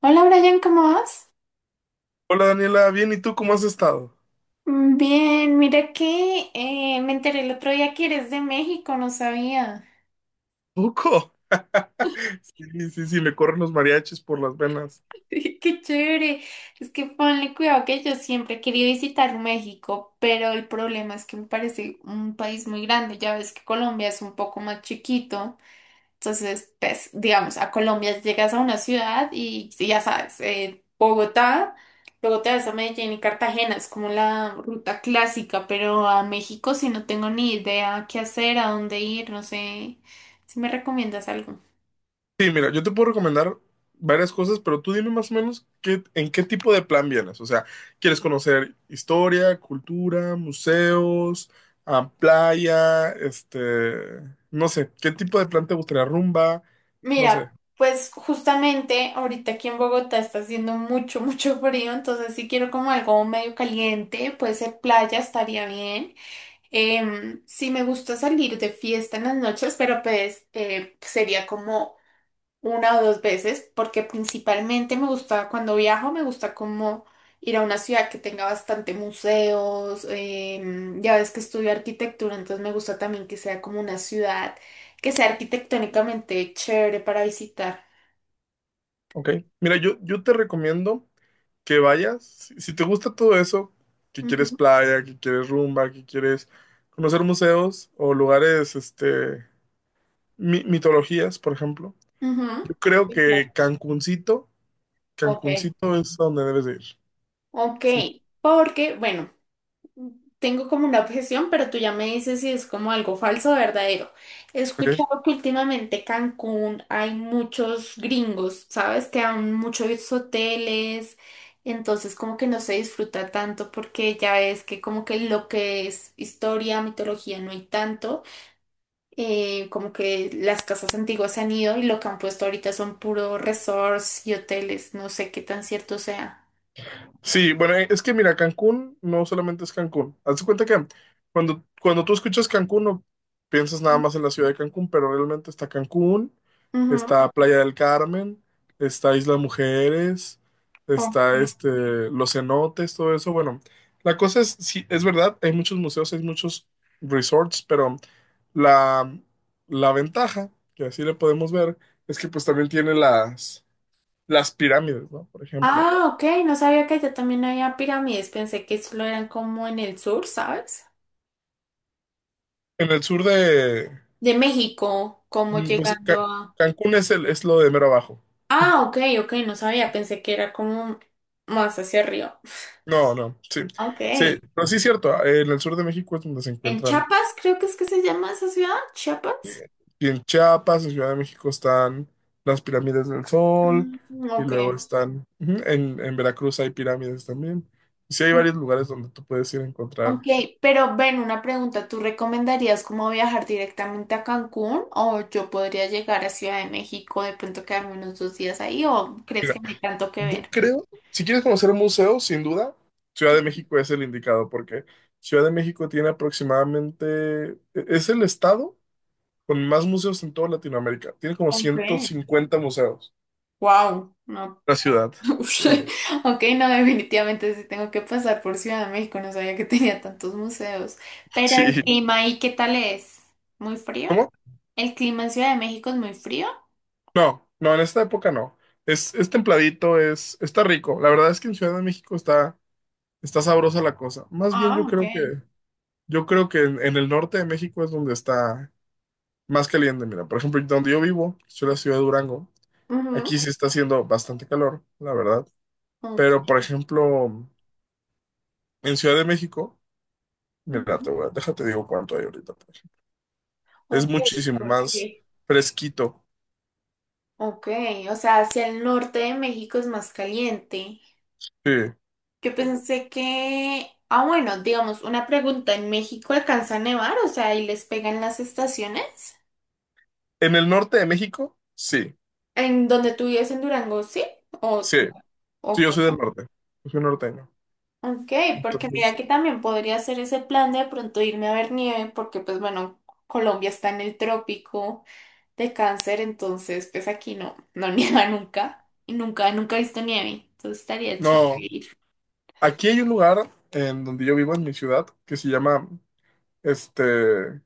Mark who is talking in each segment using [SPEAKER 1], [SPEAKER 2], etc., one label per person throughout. [SPEAKER 1] Hola Brian, ¿cómo vas?
[SPEAKER 2] Hola Daniela, bien, ¿y tú cómo has estado?
[SPEAKER 1] Bien, mira que me enteré el otro día que eres de México, no sabía.
[SPEAKER 2] Poco. Sí, sí, sí, me corren los mariachis por las venas.
[SPEAKER 1] Qué chévere. Es que ponle cuidado que yo siempre he querido visitar México, pero el problema es que me parece un país muy grande. Ya ves que Colombia es un poco más chiquito. Entonces, pues, digamos, a Colombia llegas a una ciudad y ya sabes, Bogotá, luego te vas a Medellín y Cartagena, es como la ruta clásica, pero a México si no tengo ni idea qué hacer, a dónde ir, no sé si me recomiendas algo.
[SPEAKER 2] Sí, mira, yo te puedo recomendar varias cosas, pero tú dime más o menos en qué tipo de plan vienes. O sea, ¿quieres conocer historia, cultura, museos, ah, playa, no sé, qué tipo de plan te gustaría, rumba, no sé.
[SPEAKER 1] Mira, pues justamente ahorita aquí en Bogotá está haciendo mucho, mucho frío, entonces si quiero como algo medio caliente, puede ser playa, estaría bien. Sí me gusta salir de fiesta en las noches, pero pues sería como una o dos veces, porque principalmente me gusta, cuando viajo, me gusta como ir a una ciudad que tenga bastante museos, ya ves que estudio arquitectura, entonces me gusta también que sea como una ciudad que sea arquitectónicamente chévere para visitar.
[SPEAKER 2] Ok, mira, yo te recomiendo que vayas, si te gusta todo eso, que quieres
[SPEAKER 1] Ujú,
[SPEAKER 2] playa, que quieres rumba, que quieres conocer museos o lugares, mitologías, por ejemplo,
[SPEAKER 1] ujú.
[SPEAKER 2] yo creo
[SPEAKER 1] Sí, claro.
[SPEAKER 2] que Cancuncito,
[SPEAKER 1] Ok,
[SPEAKER 2] Cancuncito es a donde debes de ir. Sí,
[SPEAKER 1] ok, porque, bueno. Tengo como una objeción, pero tú ya me dices si es como algo falso o verdadero. He
[SPEAKER 2] ok.
[SPEAKER 1] escuchado que últimamente Cancún hay muchos gringos, ¿sabes? Que hay muchos hoteles, entonces como que no se disfruta tanto porque ya es que como que lo que es historia, mitología no hay tanto. Como que las casas antiguas se han ido y lo que han puesto ahorita son puros resorts y hoteles, no sé qué tan cierto sea.
[SPEAKER 2] Sí, bueno, es que mira, Cancún no solamente es Cancún. Hazte cuenta que cuando tú escuchas Cancún no piensas nada más en la ciudad de Cancún, pero realmente está Cancún,
[SPEAKER 1] Ujú.
[SPEAKER 2] está Playa del Carmen, está Isla Mujeres,
[SPEAKER 1] Ok.
[SPEAKER 2] está este, los cenotes, todo eso. Bueno, la cosa es, sí, es verdad, hay muchos museos, hay muchos resorts, pero la, la ventaja, que así le podemos ver, es que pues también tiene las pirámides, ¿no? Por ejemplo,
[SPEAKER 1] Ah, ok, no sabía que allá también había pirámides, pensé que solo eran como en el sur, ¿sabes?
[SPEAKER 2] en el sur de.
[SPEAKER 1] De México, como
[SPEAKER 2] Pues
[SPEAKER 1] llegando a...
[SPEAKER 2] Cancún es lo de mero abajo.
[SPEAKER 1] Ah, ok, ok, no sabía, pensé que era como más hacia arriba.
[SPEAKER 2] No, no, sí.
[SPEAKER 1] Ok,
[SPEAKER 2] Sí, pero sí es cierto, en el sur de México es donde se
[SPEAKER 1] en
[SPEAKER 2] encuentran.
[SPEAKER 1] Chiapas creo que es que se llama esa ciudad, Chiapas.
[SPEAKER 2] eh, Y en Chiapas, en Ciudad de México están las pirámides del Sol,
[SPEAKER 1] Mm,
[SPEAKER 2] y
[SPEAKER 1] ok.
[SPEAKER 2] luego están, ujú, en Veracruz hay pirámides también. Sí, hay varios lugares donde tú puedes ir a encontrar.
[SPEAKER 1] Ok, pero ven, una pregunta, ¿tú recomendarías cómo viajar directamente a Cancún o yo podría llegar a Ciudad de México, de pronto quedarme unos dos días ahí o crees
[SPEAKER 2] Mira,
[SPEAKER 1] que no hay tanto que
[SPEAKER 2] yo
[SPEAKER 1] ver?
[SPEAKER 2] creo, si quieres conocer museos, sin duda, Ciudad de México es el indicado, porque Ciudad de México tiene aproximadamente, es el estado con más museos en toda Latinoamérica. Tiene como
[SPEAKER 1] Ok.
[SPEAKER 2] 150 museos
[SPEAKER 1] Wow, no,
[SPEAKER 2] la ciudad. Sí.
[SPEAKER 1] ush. Ok, no, definitivamente sí tengo que pasar por Ciudad de México, no sabía que tenía tantos museos. Pero el
[SPEAKER 2] Sí,
[SPEAKER 1] clima ahí, ¿qué tal es? ¿Muy frío?
[SPEAKER 2] ¿cómo?
[SPEAKER 1] ¿El clima en Ciudad de México es muy frío?
[SPEAKER 2] No, no, en esta época no. Es templadito, está rico. La verdad es que en Ciudad de México está sabrosa la cosa. Más bien
[SPEAKER 1] Ah,
[SPEAKER 2] yo
[SPEAKER 1] ok.
[SPEAKER 2] creo que, yo creo que en el norte de México es donde está más caliente. Mira, por ejemplo, donde yo vivo, soy la ciudad de Durango. Aquí
[SPEAKER 1] Ujú,
[SPEAKER 2] sí está haciendo bastante calor, la verdad.
[SPEAKER 1] ok,
[SPEAKER 2] Pero, por ejemplo, en Ciudad de México, mira,
[SPEAKER 1] ujú,
[SPEAKER 2] déjate digo cuánto hay ahorita. Es
[SPEAKER 1] ok,
[SPEAKER 2] muchísimo
[SPEAKER 1] ¿por
[SPEAKER 2] más
[SPEAKER 1] qué?
[SPEAKER 2] fresquito.
[SPEAKER 1] Ok, o sea, hacia el norte de México es más caliente.
[SPEAKER 2] Sí.
[SPEAKER 1] Yo pensé que, ah, bueno, digamos, una pregunta, ¿en México alcanza a nevar? O sea, ¿y les pegan las estaciones?
[SPEAKER 2] En el norte de México, sí,
[SPEAKER 1] ¿En donde tú vives en Durango, sí? O,
[SPEAKER 2] sí, sí,
[SPEAKER 1] ok.
[SPEAKER 2] yo soy del norte, yo soy norteño.
[SPEAKER 1] Ok, porque mira
[SPEAKER 2] Entonces,
[SPEAKER 1] que también podría hacer ese plan de pronto irme a ver nieve, porque pues bueno, Colombia está en el trópico de Cáncer, entonces pues aquí no, no nieva nunca, y nunca, nunca he visto nieve, entonces estaría chévere
[SPEAKER 2] no,
[SPEAKER 1] ir.
[SPEAKER 2] aquí hay un lugar en donde yo vivo, en mi ciudad, que se llama, este,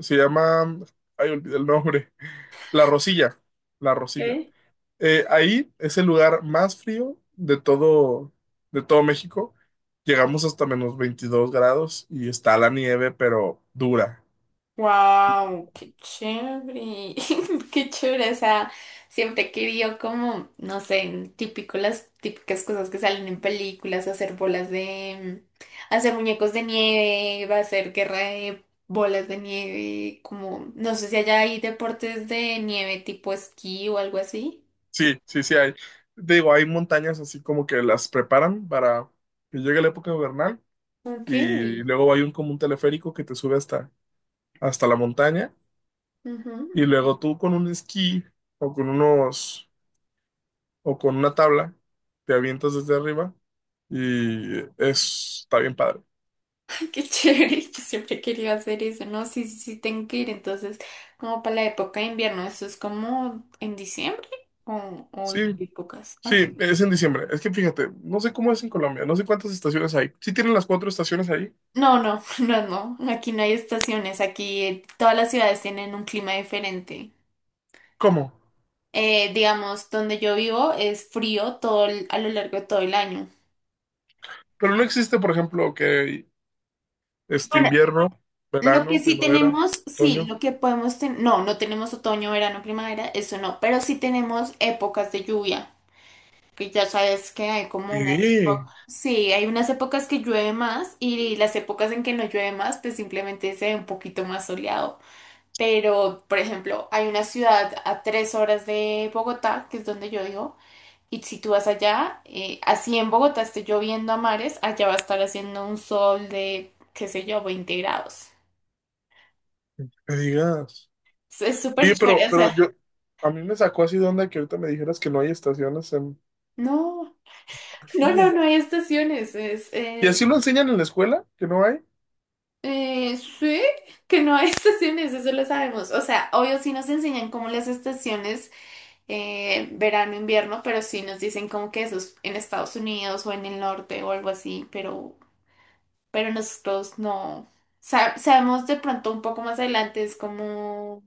[SPEAKER 2] se llama, ay, olvidé el nombre, La Rosilla, La Rosilla. Ahí es el lugar más frío de todo México. Llegamos hasta menos 22 grados y está la nieve, pero dura.
[SPEAKER 1] Wow, qué chévere, qué chévere, o sea, siempre he querido como, no sé, típico las típicas cosas que salen en películas, hacer bolas de, hacer muñecos de nieve, hacer guerra de bolas de nieve, como, no sé si allá hay deportes de nieve tipo esquí o algo así.
[SPEAKER 2] Sí, sí, sí hay. Digo, hay montañas así como que las preparan para que llegue la época invernal
[SPEAKER 1] Ok.
[SPEAKER 2] y luego hay un como un teleférico que te sube hasta, hasta la montaña y luego tú con un esquí o con unos o con una tabla te avientas desde arriba y está bien padre.
[SPEAKER 1] Qué chévere, yo siempre quería hacer eso, ¿no? Sí, sí, sí, tengo que ir. Entonces, como para la época de invierno, ¿eso es como en diciembre o en qué
[SPEAKER 2] Sí,
[SPEAKER 1] épocas?
[SPEAKER 2] sí,
[SPEAKER 1] Okay.
[SPEAKER 2] es en diciembre. Es que fíjate, no sé cómo es en Colombia, no sé cuántas estaciones hay. ¿Sí tienen las cuatro estaciones ahí?
[SPEAKER 1] No, no, no, no, aquí no hay estaciones, aquí todas las ciudades tienen un clima diferente.
[SPEAKER 2] ¿Cómo?
[SPEAKER 1] Digamos, donde yo vivo es frío todo a lo largo de todo el año.
[SPEAKER 2] Pero no existe, por ejemplo, que
[SPEAKER 1] Bueno,
[SPEAKER 2] invierno,
[SPEAKER 1] lo que
[SPEAKER 2] verano,
[SPEAKER 1] sí
[SPEAKER 2] primavera,
[SPEAKER 1] tenemos, sí,
[SPEAKER 2] otoño.
[SPEAKER 1] lo que podemos tener, no, no tenemos otoño, verano, primavera, eso no, pero sí tenemos épocas de lluvia, que ya sabes que hay como unas
[SPEAKER 2] Sí,
[SPEAKER 1] épocas, sí, hay unas épocas que llueve más y las épocas en que no llueve más, pues simplemente se ve un poquito más soleado. Pero, por ejemplo, hay una ciudad a 3 horas de Bogotá, que es donde yo vivo, y si tú vas allá, así en Bogotá esté lloviendo a mares, allá va a estar haciendo un sol de, qué sé yo, 20 grados.
[SPEAKER 2] me digas.
[SPEAKER 1] Es súper
[SPEAKER 2] Oye, pero,
[SPEAKER 1] chévere, o
[SPEAKER 2] pero
[SPEAKER 1] sea,
[SPEAKER 2] yo, a mí me sacó así de onda que ahorita me dijeras que no hay estaciones en
[SPEAKER 1] no, no, no,
[SPEAKER 2] Colombia.
[SPEAKER 1] no hay estaciones, es...
[SPEAKER 2] ¿Y así lo enseñan en la escuela? ¿Que no hay?
[SPEAKER 1] Sí, que no hay estaciones, eso lo sabemos. O sea, obvio sí nos enseñan como las estaciones, verano, invierno, pero sí nos dicen como que eso es en Estados Unidos o en el norte o algo así, pero nosotros no. Sabemos de pronto un poco más adelante, es como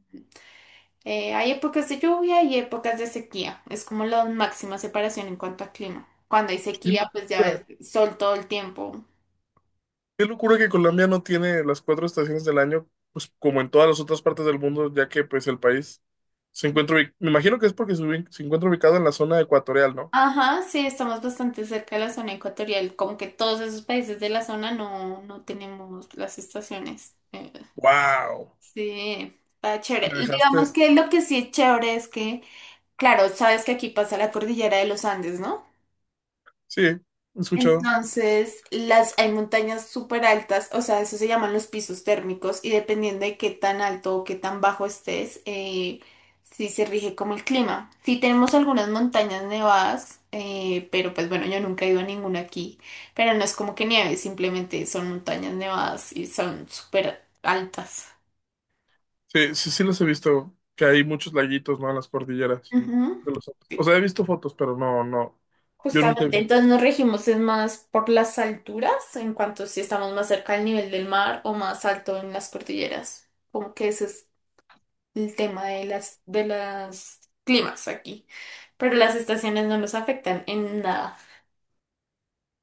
[SPEAKER 1] hay épocas de lluvia y épocas de sequía. Es como la máxima separación en cuanto a clima. Cuando hay
[SPEAKER 2] ¡Qué
[SPEAKER 1] sequía, pues ya ves,
[SPEAKER 2] locura!
[SPEAKER 1] sol todo el tiempo.
[SPEAKER 2] ¡Qué locura que Colombia no tiene las cuatro estaciones del año, pues como en todas las otras partes del mundo, ya que pues el país se encuentra, me imagino que es porque se encuentra ubicado en la zona ecuatorial, ¿no?
[SPEAKER 1] Ajá, sí, estamos bastante cerca de la zona ecuatorial, como que todos esos países de la zona no, no tenemos las estaciones.
[SPEAKER 2] ¡Wow!
[SPEAKER 1] Sí, está chévere.
[SPEAKER 2] Me
[SPEAKER 1] Digamos
[SPEAKER 2] dejaste.
[SPEAKER 1] que lo que sí es chévere es que, claro, sabes que aquí pasa la cordillera de los Andes, ¿no?
[SPEAKER 2] Sí, he escuchado.
[SPEAKER 1] Entonces, las, hay montañas súper altas, o sea, eso se llaman los pisos térmicos y dependiendo de qué tan alto o qué tan bajo estés, sí se rige como el clima. Sí tenemos algunas montañas nevadas, pero pues bueno, yo nunca he ido a ninguna aquí, pero no es como que nieve, simplemente son montañas nevadas y son súper altas.
[SPEAKER 2] Sí, sí, sí los he visto, que hay muchos laguitos, ¿no? En las cordilleras
[SPEAKER 1] Ujú.
[SPEAKER 2] de los Andes. O sea, he visto fotos, pero no, no, yo nunca he
[SPEAKER 1] Justamente,
[SPEAKER 2] visto.
[SPEAKER 1] entonces nos regimos es más por las alturas, en cuanto si estamos más cerca del nivel del mar o más alto en las cordilleras. Como que ese es el tema de las climas aquí. Pero las estaciones no nos afectan en nada.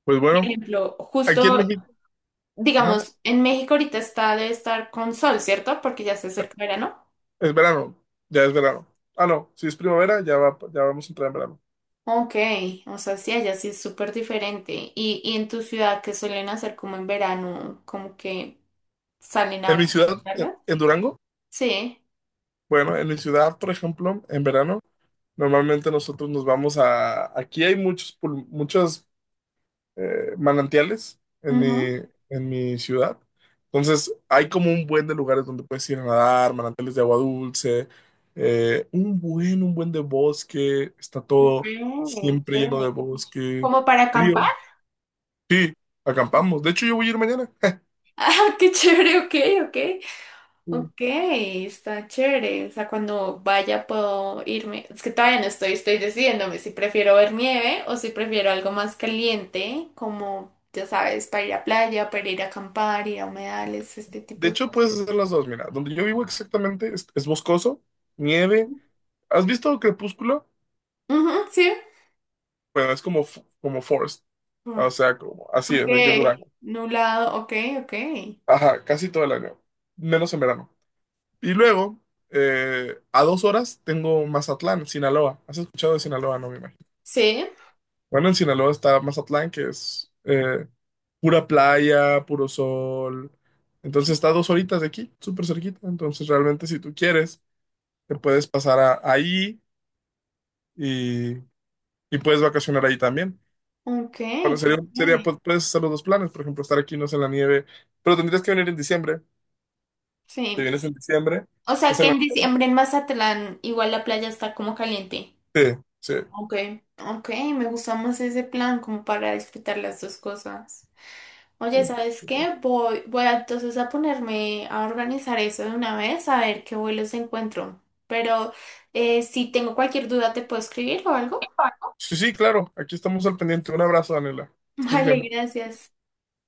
[SPEAKER 2] Pues
[SPEAKER 1] Por
[SPEAKER 2] bueno,
[SPEAKER 1] ejemplo,
[SPEAKER 2] aquí en
[SPEAKER 1] justo,
[SPEAKER 2] México, ajá,
[SPEAKER 1] digamos, en México ahorita está debe estar con sol, ¿cierto? Porque ya se acerca verano.
[SPEAKER 2] es verano, ya es verano. Ah, no, si es primavera, ya vamos a entrar en verano.
[SPEAKER 1] Ok, o sea, sí, allá sí es súper diferente. Y en tu ciudad, ¿qué suelen hacer como en verano? Como que salen
[SPEAKER 2] En
[SPEAKER 1] a...
[SPEAKER 2] mi ciudad, en Durango,
[SPEAKER 1] Sí.
[SPEAKER 2] bueno, en mi ciudad, por ejemplo, en verano, normalmente nosotros nos vamos a, aquí hay muchas manantiales en mi,
[SPEAKER 1] Ujú.
[SPEAKER 2] en mi ciudad. Entonces, hay como un buen de lugares donde puedes ir a nadar, manantiales de agua dulce, un buen de bosque, está
[SPEAKER 1] Ok,
[SPEAKER 2] todo siempre lleno de
[SPEAKER 1] chévere.
[SPEAKER 2] bosque,
[SPEAKER 1] ¿Como para acampar?
[SPEAKER 2] frío. Sí, acampamos. De hecho, yo voy a ir mañana.
[SPEAKER 1] Ah, qué chévere, ok, ok.
[SPEAKER 2] Sí.
[SPEAKER 1] Ok, está chévere. O sea, cuando vaya puedo irme. Es que todavía no estoy, estoy decidiéndome si prefiero ver nieve o si prefiero algo más caliente, como, ya sabes, para ir a playa, para ir a acampar, ir a humedales, este
[SPEAKER 2] De
[SPEAKER 1] tipo de
[SPEAKER 2] hecho,
[SPEAKER 1] cosas.
[SPEAKER 2] puedes hacer las dos. Mira, donde yo vivo exactamente es boscoso, nieve. ¿Has visto Crepúsculo?
[SPEAKER 1] Ujú, sí.
[SPEAKER 2] Bueno, como Forest.
[SPEAKER 1] Mm,
[SPEAKER 2] O sea, como, así
[SPEAKER 1] ok,
[SPEAKER 2] es, aquí en Durango.
[SPEAKER 1] nublado, ok, ok.
[SPEAKER 2] Ajá, casi todo el año, menos en verano. Y luego, a 2 horas tengo Mazatlán, Sinaloa. ¿Has escuchado de Sinaloa? No me imagino.
[SPEAKER 1] Sí,
[SPEAKER 2] Bueno, en Sinaloa está Mazatlán, que es pura playa, puro sol. Entonces está a 2 horitas de aquí, súper cerquita. Entonces realmente si tú quieres, te puedes pasar ahí y, y puedes vacacionar ahí también.
[SPEAKER 1] ok,
[SPEAKER 2] Bueno,
[SPEAKER 1] qué chévere.
[SPEAKER 2] pues, puedes hacer los dos planes, por ejemplo, estar aquí, no sé, en la nieve, pero tendrías que venir en diciembre. Te
[SPEAKER 1] Sí.
[SPEAKER 2] vienes en diciembre,
[SPEAKER 1] O sea
[SPEAKER 2] estás
[SPEAKER 1] que
[SPEAKER 2] en la...
[SPEAKER 1] en diciembre en Mazatlán igual la playa está como caliente.
[SPEAKER 2] Sí, sí.
[SPEAKER 1] Ok. Ok, me gusta más ese plan como para disfrutar las dos cosas. Oye, ¿sabes qué? Entonces a ponerme a organizar eso de una vez, a ver qué vuelos encuentro. Pero si tengo cualquier duda, ¿te puedo escribir o algo?
[SPEAKER 2] Sí, sí, claro. Aquí estamos al pendiente. Un abrazo, Daniela. Estés
[SPEAKER 1] Vale,
[SPEAKER 2] bien.
[SPEAKER 1] gracias.